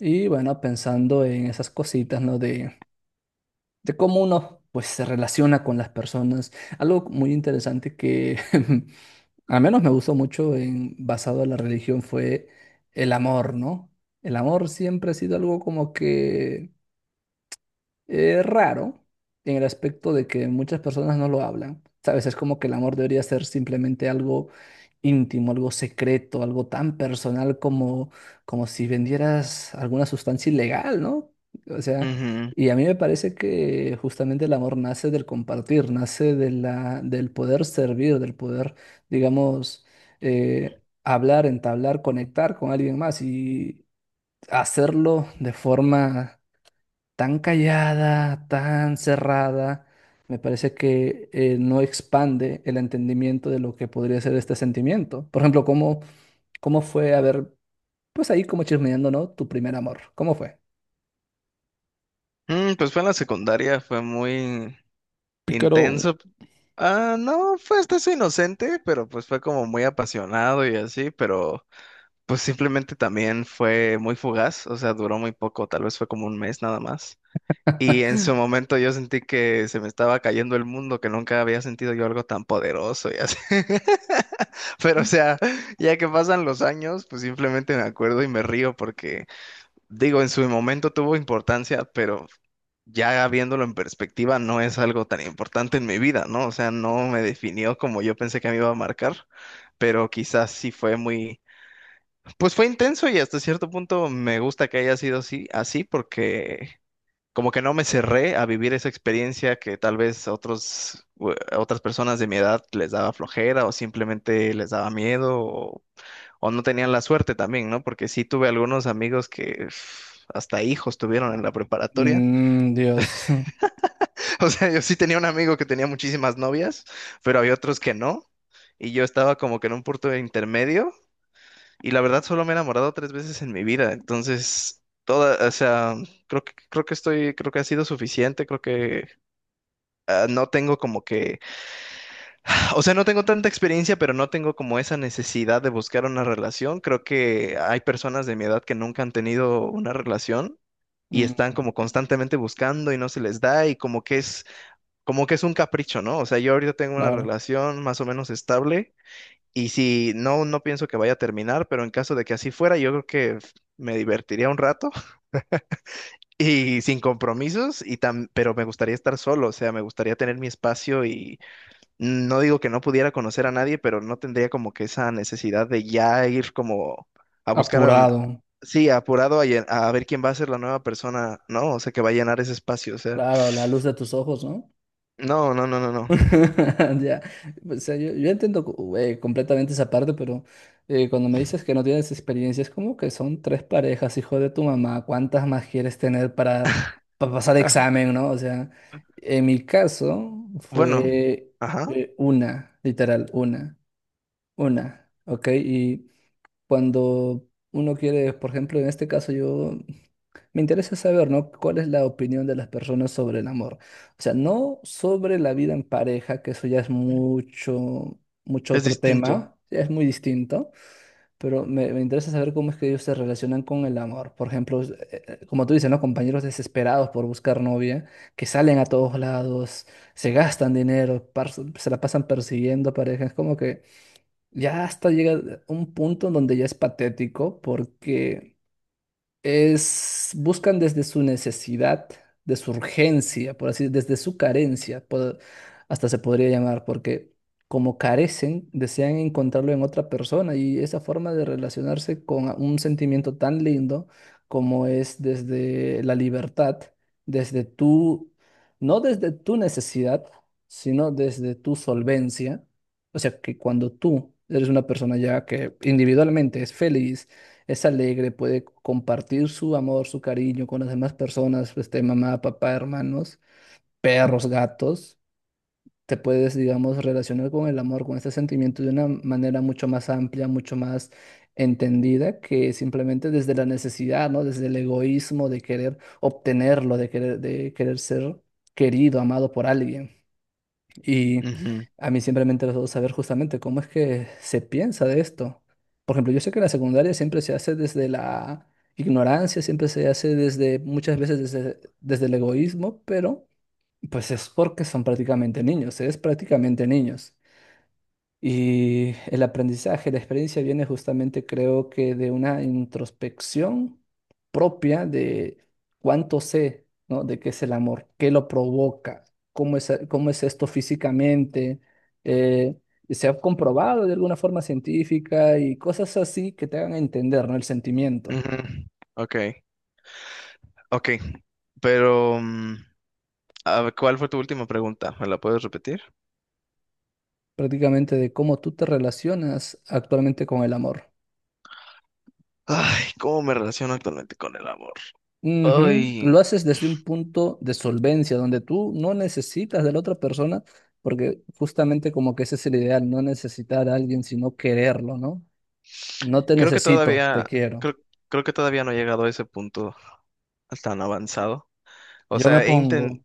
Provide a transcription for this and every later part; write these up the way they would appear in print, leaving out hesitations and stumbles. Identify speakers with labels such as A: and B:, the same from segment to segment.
A: Y bueno, pensando en esas cositas, ¿no? De cómo uno pues se relaciona con las personas. Algo muy interesante que al menos me gustó mucho basado en la religión fue el amor, ¿no? El amor siempre ha sido algo como que raro en el aspecto de que muchas personas no lo hablan. Sabes, es como que el amor debería ser simplemente algo íntimo, algo secreto, algo tan personal como si vendieras alguna sustancia ilegal, ¿no? O sea,
B: Ujú.
A: y a mí me parece que justamente el amor nace del compartir, nace del poder servir, del poder, digamos, hablar, entablar, conectar con alguien más y hacerlo de forma tan callada, tan cerrada, me parece que no expande el entendimiento de lo que podría ser este sentimiento. Por ejemplo, ¿cómo fue, a ver, pues ahí como chismeando? ¿No? Tu primer amor, ¿cómo fue?
B: Pues fue en la secundaria, fue muy
A: Pícaro.
B: intenso. Ah, no, fue hasta eso inocente, pero pues fue como muy apasionado y así, pero pues simplemente también fue muy fugaz, o sea, duró muy poco, tal vez fue como un mes nada más. Y en su momento yo sentí que se me estaba cayendo el mundo, que nunca había sentido yo algo tan poderoso y así. Pero o sea, ya que pasan los años, pues simplemente me acuerdo y me río porque digo, en su momento tuvo importancia, pero ya viéndolo en perspectiva, no es algo tan importante en mi vida, ¿no? O sea, no me definió como yo pensé que me iba a marcar, pero quizás sí fue muy, pues fue intenso y hasta cierto punto me gusta que haya sido así, así porque como que no me cerré a vivir esa experiencia que tal vez otros, otras personas de mi edad les daba flojera o simplemente les daba miedo o no tenían la suerte también, ¿no? Porque sí tuve algunos amigos que uf, hasta hijos tuvieron en la preparatoria.
A: Mm, Dios.
B: O sea, yo sí tenía un amigo que tenía muchísimas novias, pero había otros que no. Y yo estaba como que en un punto de intermedio. Y la verdad solo me he enamorado tres veces en mi vida. Entonces, toda, o sea, creo que ha sido suficiente. Creo que no tengo como que o sea, no tengo tanta experiencia, pero no tengo como esa necesidad de buscar una relación. Creo que hay personas de mi edad que nunca han tenido una relación y están
A: Mm,
B: como constantemente buscando y no se les da y como que es un capricho, ¿no? O sea, yo ahorita tengo una
A: claro.
B: relación más o menos estable y si no, no pienso que vaya a terminar, pero en caso de que así fuera, yo creo que me divertiría un rato y sin compromisos y pero me gustaría estar solo, o sea, me gustaría tener mi espacio, no digo que no pudiera conocer a nadie, pero no tendría como que esa necesidad de ya ir como a buscar a,
A: Apurado.
B: sí, apurado a, a ver quién va a ser la nueva persona, ¿no? O sea, que va a llenar ese espacio, o sea,
A: Claro, la luz de tus ojos, ¿no?
B: no, no, no, no, no.
A: Ya, o sea, yo entiendo completamente esa parte, pero cuando me dices que no tienes experiencia, es como que son tres parejas, hijo de tu mamá, ¿cuántas más quieres tener para, pasar examen? ¿No? O sea, en mi caso
B: Bueno,
A: fue
B: ajá,
A: una, literal, una, ¿ok? Y cuando uno quiere, por ejemplo, en este caso yo me interesa saber, ¿no? ¿Cuál es la opinión de las personas sobre el amor? O sea, no sobre la vida en pareja, que eso ya es mucho
B: es
A: otro
B: distinto.
A: tema, ya es muy distinto, pero me interesa saber cómo es que ellos se relacionan con el amor. Por ejemplo, como tú dices, ¿no? Compañeros desesperados por buscar novia, que salen a todos lados, se gastan dinero, se la pasan persiguiendo parejas, como que ya hasta llega un punto en donde ya es patético porque buscan desde su necesidad, de su urgencia, por así, desde su carencia, hasta se podría llamar, porque como carecen, desean encontrarlo en otra persona y esa forma de relacionarse con un sentimiento tan lindo como es desde la libertad, desde tu, no desde tu necesidad, sino desde tu solvencia. O sea, que cuando tú eres una persona ya que individualmente es feliz, es alegre, puede compartir su amor, su cariño con las demás personas, este, mamá, papá, hermanos, perros, gatos. Te puedes, digamos, relacionar con el amor, con este sentimiento de una manera mucho más amplia, mucho más entendida que simplemente desde la necesidad, ¿no? Desde el egoísmo de querer obtenerlo, de querer ser querido, amado por alguien. Y a mí siempre me ha interesado saber justamente cómo es que se piensa de esto. Por ejemplo, yo sé que la secundaria siempre se hace desde la ignorancia, siempre se hace muchas veces desde el egoísmo, pero pues es porque son prácticamente niños, es prácticamente niños. Y el aprendizaje, la experiencia viene justamente, creo que, de una introspección propia de cuánto sé, ¿no? De qué es el amor, qué lo provoca, cómo es esto físicamente. eh, Se ha comprobado de alguna forma científica y cosas así que te hagan entender, ¿no? El
B: Ujú,
A: sentimiento,
B: ujú. Ok, ok, pero a ver, ¿cuál fue tu última pregunta? ¿Me la puedes repetir?
A: prácticamente de cómo tú te relacionas actualmente con el amor.
B: Ay, ¿cómo me relaciono actualmente con el amor?
A: Ujú.
B: Ay.
A: Lo haces desde un punto de solvencia, donde tú no necesitas de la otra persona, porque justamente como que ese es el ideal, no necesitar a alguien, sino quererlo, ¿no? No te
B: Creo que
A: necesito, te
B: todavía,
A: quiero.
B: creo, creo que todavía no he llegado a ese punto tan avanzado. O
A: Yo me
B: sea,
A: pongo,
B: inten-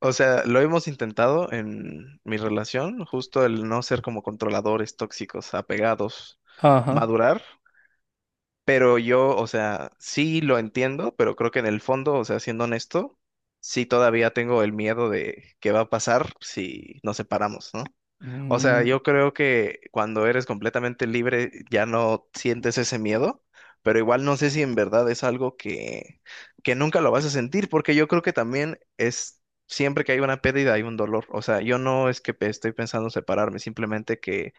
B: o sea, lo hemos intentado en mi relación, justo el no ser como controladores tóxicos, apegados,
A: ajá,
B: madurar. Pero yo, o sea, sí lo entiendo, pero creo que en el fondo, o sea, siendo honesto, sí todavía tengo el miedo de qué va a pasar si nos separamos, ¿no? O sea,
A: mm,
B: yo creo que cuando eres completamente libre ya no sientes ese miedo, pero igual no sé si en verdad es algo que nunca lo vas a sentir, porque yo creo que también es siempre que hay una pérdida hay un dolor. O sea, yo no es que estoy pensando separarme, simplemente que,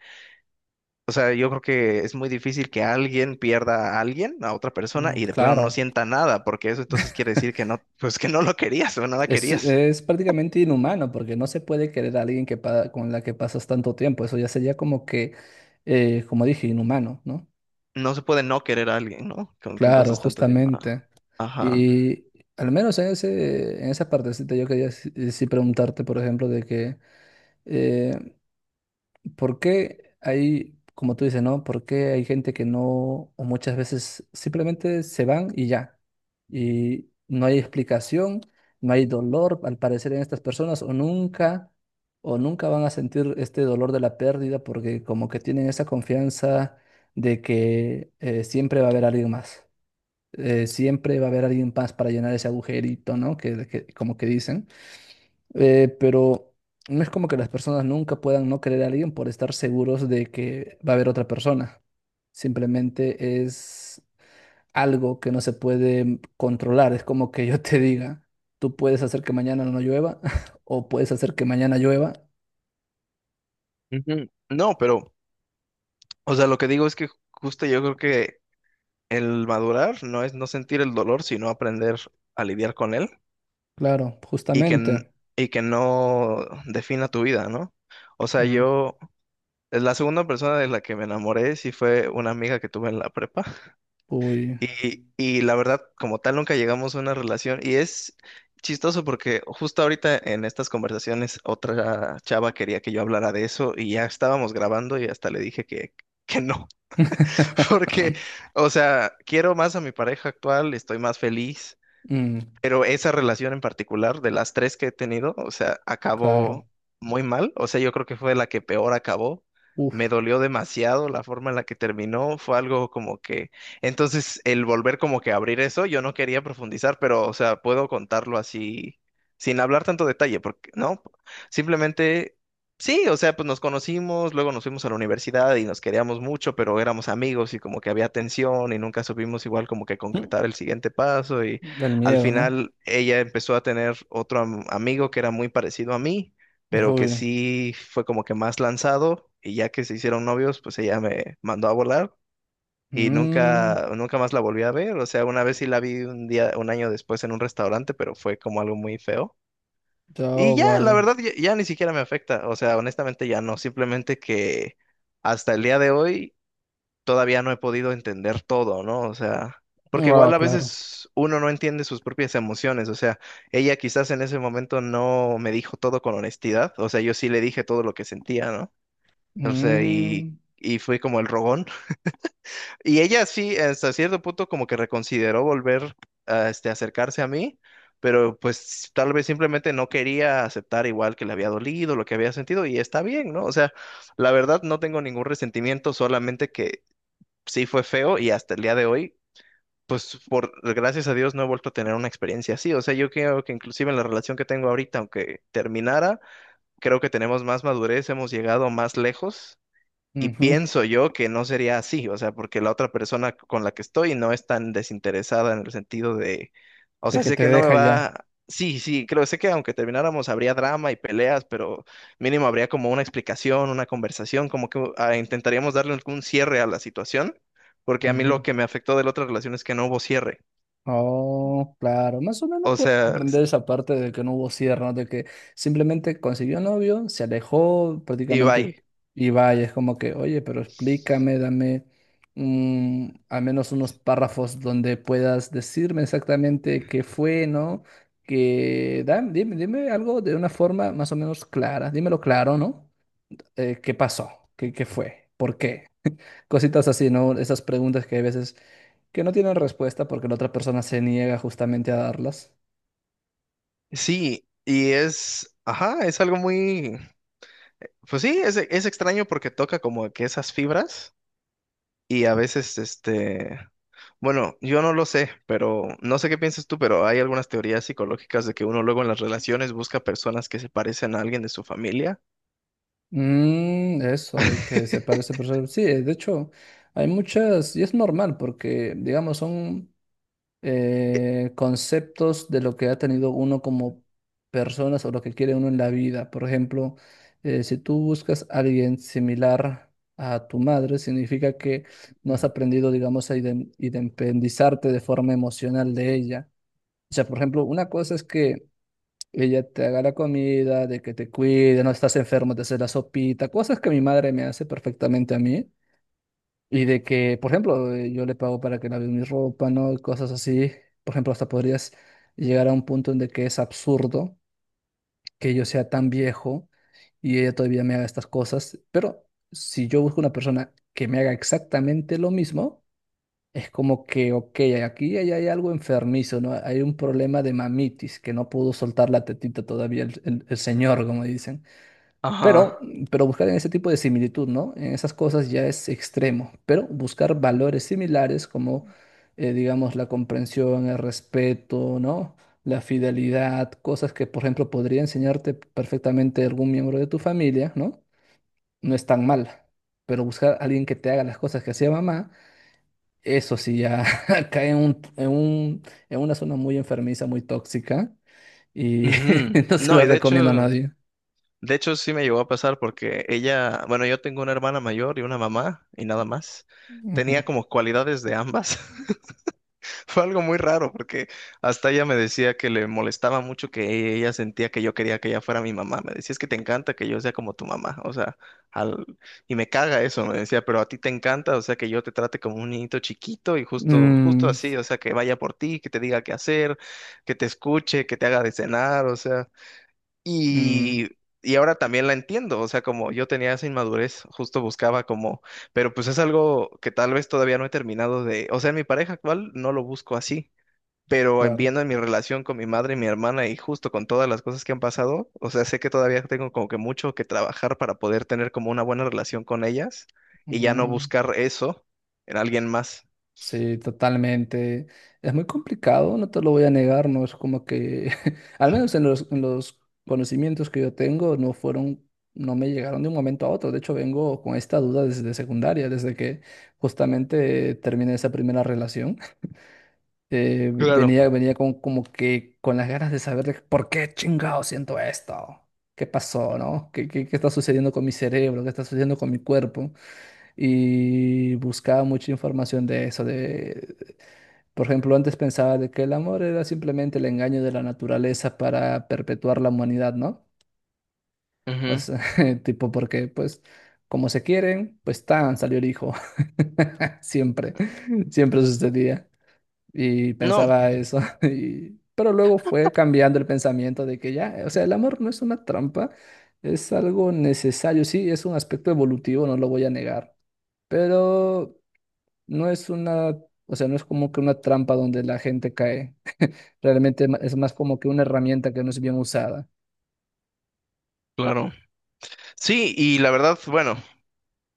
B: o sea, yo creo que es muy difícil que alguien pierda a alguien, a otra persona, y de plano no
A: claro,
B: sienta nada, porque eso entonces quiere decir que no, pues que no lo querías o no la
A: es,
B: querías.
A: es prácticamente inhumano, porque no se puede querer a alguien que con la que pasas tanto tiempo, eso ya sería como que, como dije, inhumano, ¿no?
B: No se puede no querer a alguien, ¿no? Con quien
A: Claro,
B: pasas tanto tiempo. Ah,
A: justamente.
B: ajá.
A: Y al menos en ese, en esa partecita yo quería sí preguntarte, por ejemplo, de que, eh, ¿por qué hay, como tú dices, no? ¿Por qué hay gente que no, o muchas veces simplemente se van y ya? Y no hay explicación, no hay dolor, al parecer, en estas personas, o nunca van a sentir este dolor de la pérdida porque como que tienen esa confianza de que siempre va a haber alguien más para llenar ese agujerito, ¿no? Como que dicen. Pero no es como que las personas nunca puedan no querer a alguien por estar seguros de que va a haber otra persona. Simplemente es algo que no se puede controlar. Es como que yo te diga, tú puedes hacer que mañana no llueva o puedes hacer que mañana llueva.
B: Ujú. No, pero, o sea, lo que digo es que justo yo creo que el madurar no es no sentir el dolor, sino aprender a lidiar con él
A: Claro,
B: y que,
A: justamente.
B: y que no defina tu vida, ¿no? O sea,
A: Mm,
B: yo, la segunda persona de la que me enamoré sí fue una amiga que tuve en la prepa
A: uy.
B: y la verdad, como tal, nunca llegamos a una relación y es chistoso porque justo ahorita en estas conversaciones otra chava quería que yo hablara de eso y ya estábamos grabando y hasta le dije que no. Porque, o sea, quiero más a mi pareja actual, estoy más feliz.
A: Mm,
B: Pero esa relación en particular, de las tres que he tenido, o sea,
A: claro.
B: acabó muy mal. O sea, yo creo que fue la que peor acabó.
A: Uf.
B: Me dolió demasiado la forma en la que terminó. Fue algo como que... Entonces, el volver como que a abrir eso, yo no quería profundizar, pero, o sea, puedo contarlo así, sin hablar tanto detalle, porque, ¿no? Simplemente, sí, o sea, pues nos conocimos, luego nos fuimos a la universidad y nos queríamos mucho, pero éramos amigos y como que había tensión y nunca supimos igual como que
A: Mm,
B: concretar el siguiente paso y...
A: Del
B: Al
A: miedo, ¿no?
B: final ella empezó a tener otro amigo que era muy parecido a mí, pero que
A: Uy.
B: sí fue como que más lanzado y ya que se hicieron novios, pues ella me mandó a volar y
A: Mm,
B: nunca nunca más la volví a ver, o sea, una vez sí la vi un día un año después en un restaurante, pero fue como algo muy feo.
A: ya
B: Y
A: oh,
B: ya, la
A: vaya.
B: verdad ya, ni siquiera me afecta, o sea, honestamente ya no, simplemente que hasta el día de hoy todavía no he podido entender todo, ¿no? O sea, porque
A: Ah,
B: igual a
A: claro.
B: veces uno no entiende sus propias emociones, o sea, ella quizás en ese momento no me dijo todo con honestidad, o sea, yo sí le dije todo lo que sentía, ¿no? O sea, y,
A: Mm,
B: y fui como el rogón. Y ella sí, hasta cierto punto, como que reconsideró volver a este, acercarse a mí, pero pues tal vez simplemente no quería aceptar igual que le había dolido, lo que había sentido, y está bien, ¿no? O sea, la verdad no tengo ningún resentimiento, solamente que sí fue feo y hasta el día de hoy, pues por gracias a Dios no he vuelto a tener una experiencia así. O sea, yo creo que inclusive en la relación que tengo ahorita, aunque terminara, creo que tenemos más madurez, hemos llegado más lejos y
A: ujú.
B: pienso yo que no sería así, o sea, porque la otra persona con la que estoy no es tan desinteresada en el sentido de, o
A: De
B: sea,
A: que
B: sé
A: te
B: que no me
A: deja ya.
B: va, sí, sí, creo, sé que aunque termináramos habría drama y peleas, pero mínimo habría como una explicación, una conversación, como que ah, intentaríamos darle algún cierre a la situación, porque a mí lo
A: Ujú.
B: que me afectó de la otra relación es que no hubo cierre,
A: Oh, claro, más o menos
B: o
A: puedo
B: sea,
A: comprender esa parte de que no hubo cierre, ¿no? De que simplemente consiguió novio, se alejó
B: y
A: prácticamente
B: bye.
A: y vaya, es como que, oye, pero explícame, dame al menos unos párrafos donde puedas decirme exactamente qué fue, ¿no? Que dime algo de una forma más o menos clara, dímelo claro, ¿no? ¿Qué pasó? ¿Qué fue? ¿Por qué? Cositas así, ¿no? Esas preguntas que hay veces que no tienen respuesta porque la otra persona se niega justamente a darlas.
B: Sí, y es, ajá, es algo muy, pues sí, es extraño porque toca como que esas fibras. Y a veces, este, bueno, yo no lo sé, pero no sé qué piensas tú, pero hay algunas teorías psicológicas de que uno luego en las relaciones busca personas que se parecen a alguien de su familia.
A: Eso de que se parece, pero sí, de hecho, hay muchas, y es normal porque, digamos, son conceptos de lo que ha tenido uno como personas o lo que quiere uno en la vida. Por ejemplo, si tú buscas a alguien similar a tu madre, significa que no has
B: Mm.
A: aprendido, digamos, a independizarte de forma emocional de ella. O sea, por ejemplo, una cosa es que ella te haga la comida, de que te cuide, no estás enfermo, te hace la sopita, cosas que mi madre me hace perfectamente a mí. Y de que, por ejemplo, yo le pago para que lave mi ropa, ¿no? Y cosas así. Por ejemplo, hasta podrías llegar a un punto en de que es absurdo que yo sea tan viejo y ella todavía me haga estas cosas. Pero si yo busco una persona que me haga exactamente lo mismo, es como que, ok, aquí hay algo enfermizo, ¿no? Hay un problema de mamitis, que no pudo soltar la tetita todavía el señor, como dicen. Pero,
B: Ajá.
A: pero buscar en ese tipo de similitud, ¿no? En esas cosas ya es extremo, pero buscar valores similares como, digamos, la comprensión, el respeto, ¿no? La fidelidad, cosas que, por ejemplo, podría enseñarte perfectamente algún miembro de tu familia, ¿no? No es tan mal, pero buscar a alguien que te haga las cosas que hacía mamá eso sí, ya cae en una zona muy enfermiza, muy tóxica, y
B: Ujú.
A: no se
B: No,
A: lo
B: y de
A: recomiendo a
B: hecho,
A: nadie.
B: de hecho sí me llegó a pasar porque ella, bueno, yo tengo una hermana mayor y una mamá y nada más. Tenía
A: Ujú.
B: como cualidades de ambas. Fue algo muy raro porque hasta ella me decía que le molestaba mucho que ella sentía que yo quería que ella fuera mi mamá. Me decía, es que te encanta que yo sea como tu mamá, o sea, al... y me caga eso, me decía, pero a ti te encanta, o sea, que yo te trate como un niñito chiquito y justo, justo
A: Mm,
B: así, o sea, que vaya por ti, que te diga qué hacer, que te escuche, que te haga de cenar, o sea.
A: mm,
B: Y, y ahora también la entiendo, o sea, como yo tenía esa inmadurez, justo buscaba como, pero pues es algo que tal vez todavía no he terminado de, o sea, en mi pareja actual no lo busco así, pero en
A: claro.
B: viendo en mi relación con mi madre y mi hermana y justo con todas las cosas que han pasado, o sea, sé que todavía tengo como que mucho que trabajar para poder tener como una buena relación con ellas y ya no
A: Mm,
B: buscar eso en alguien más.
A: sí, totalmente. Es muy complicado, no te lo voy a negar, no es como que, al menos en los conocimientos que yo tengo, no fueron, no me llegaron de un momento a otro. De hecho, vengo con esta duda desde secundaria, desde que justamente terminé esa primera relación. eh,
B: Claro,
A: venía, venía como que con las ganas de saber de por qué chingado siento esto. ¿Qué pasó, no? ¿Qué está sucediendo con mi cerebro? ¿Qué está sucediendo con mi cuerpo? Y buscaba mucha información de eso. De... Por ejemplo, antes pensaba de que el amor era simplemente el engaño de la naturaleza para perpetuar la humanidad, ¿no? O
B: ujú.
A: sea, tipo porque, pues, como se quieren, pues salió el hijo. Siempre, siempre sucedía. Y
B: No,
A: pensaba eso, pero luego fue cambiando el pensamiento de que ya, o sea, el amor no es una trampa, es algo necesario, sí, es un aspecto evolutivo, no lo voy a negar, pero no es una, o sea, no es como que una trampa donde la gente cae, realmente es más como que una herramienta que no es bien usada.
B: claro. Sí, y la verdad, bueno.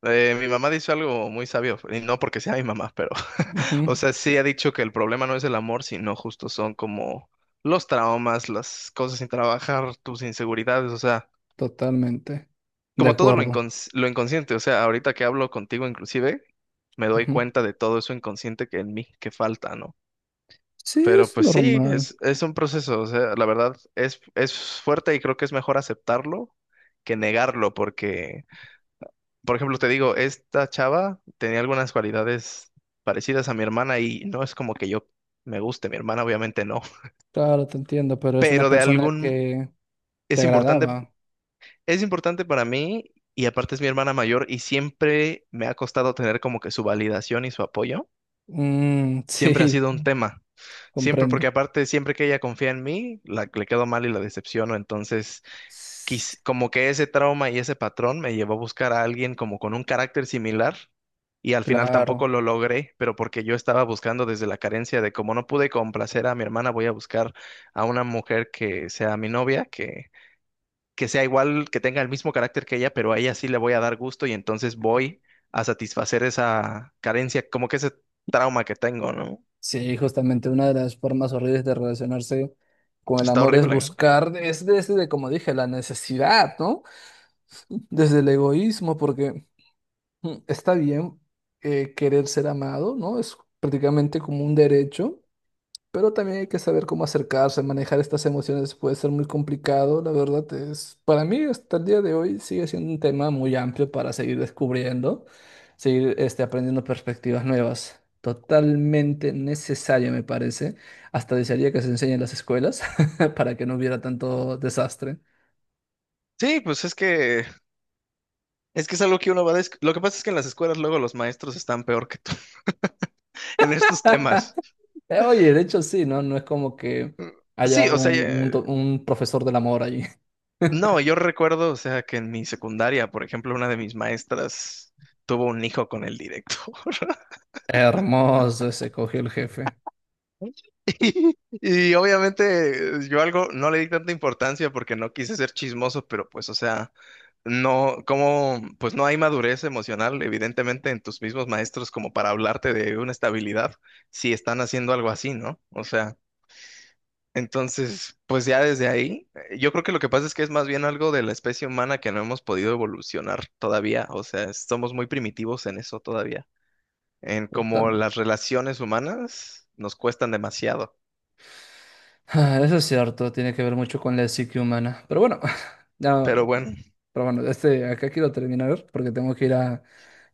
B: Mi mamá dice algo muy sabio, y no porque sea mi mamá, pero,
A: Ujú,
B: o sea, sí ha dicho que el problema no es el amor, sino justo son como los traumas, las cosas sin trabajar, tus inseguridades, o sea,
A: totalmente, de
B: como todo lo
A: acuerdo.
B: lo inconsciente, o sea, ahorita que hablo contigo inclusive, me doy
A: Ujú.
B: cuenta de todo eso inconsciente que en mí, que falta, ¿no?
A: Sí,
B: Pero
A: es
B: pues sí,
A: normal,
B: es un proceso, o sea, la verdad es fuerte y creo que es mejor aceptarlo que negarlo, porque... Por ejemplo, te digo, esta chava tenía algunas cualidades parecidas a mi hermana y no es como que yo me guste, mi hermana obviamente no,
A: claro, te entiendo, pero es una
B: pero de
A: persona
B: algún,
A: que te
B: es importante,
A: agradaba.
B: es importante para mí, y aparte es mi hermana mayor y siempre me ha costado tener como que su validación y su apoyo.
A: Mm,
B: Siempre ha
A: sí,
B: sido un tema, siempre porque
A: comprendo.
B: aparte siempre que ella confía en mí, le quedo mal y la decepciono, entonces como que ese trauma y ese patrón me llevó a buscar a alguien como con un carácter similar y al final tampoco
A: Claro.
B: lo logré, pero porque yo estaba buscando desde la carencia de como no pude complacer a mi hermana, voy a buscar a una mujer que sea mi novia, que sea igual, que tenga el mismo carácter que ella, pero a ella sí le voy a dar gusto y entonces voy a satisfacer esa carencia, como que ese trauma que tengo, ¿no?
A: Sí, justamente una de las formas horribles de relacionarse con el
B: Está
A: amor
B: horrible.
A: es desde, como dije, la necesidad, ¿no? Desde el egoísmo, porque está bien querer ser amado, ¿no? Es prácticamente como un derecho. Pero también hay que saber cómo acercarse, manejar estas emociones puede ser muy complicado, la verdad es, para mí hasta el día de hoy sigue siendo un tema muy amplio para seguir descubriendo, seguir este, aprendiendo perspectivas nuevas. Totalmente necesario, me parece. Hasta desearía que se enseñe en las escuelas para que no hubiera tanto desastre.
B: Sí, pues es que es algo que uno va a... Lo que pasa es que en las escuelas luego los maestros están peor que tú en estos temas.
A: Oye, de hecho sí, ¿no? No es como que
B: Sí,
A: haya
B: o sea,
A: un, un do- un profesor del amor ahí.
B: no, yo recuerdo, o sea, que en mi secundaria, por ejemplo, una de mis maestras tuvo un hijo con el directo.
A: Hermoso ese cogió el jefe.
B: Y obviamente yo algo no le di tanta importancia porque no quise ser chismoso, pero pues, o sea, no, como, pues no hay madurez emocional, evidentemente, en tus mismos maestros como para hablarte de una estabilidad si están haciendo algo así, ¿no? O sea, entonces, pues ya desde ahí, yo creo que lo que pasa es que es más bien algo de la especie humana que no hemos podido evolucionar todavía, o sea, somos muy primitivos en eso todavía, en como
A: Total.
B: las relaciones humanas nos cuestan demasiado,
A: Ah, eso es cierto, tiene que ver mucho con la psique humana. Pero bueno, ya,
B: pero bueno,
A: este, acá quiero terminar porque tengo que ir a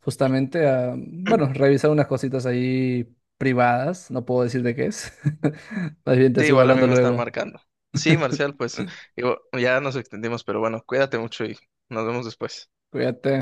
A: justamente bueno, revisar unas cositas ahí privadas. No puedo decir de qué es. Más bien te
B: sí,
A: sigo
B: igual a mí
A: hablando
B: me están
A: luego.
B: marcando. Sí, Marcial, pues digo, ya nos extendimos, pero bueno, cuídate mucho y nos vemos después.
A: Cuídate.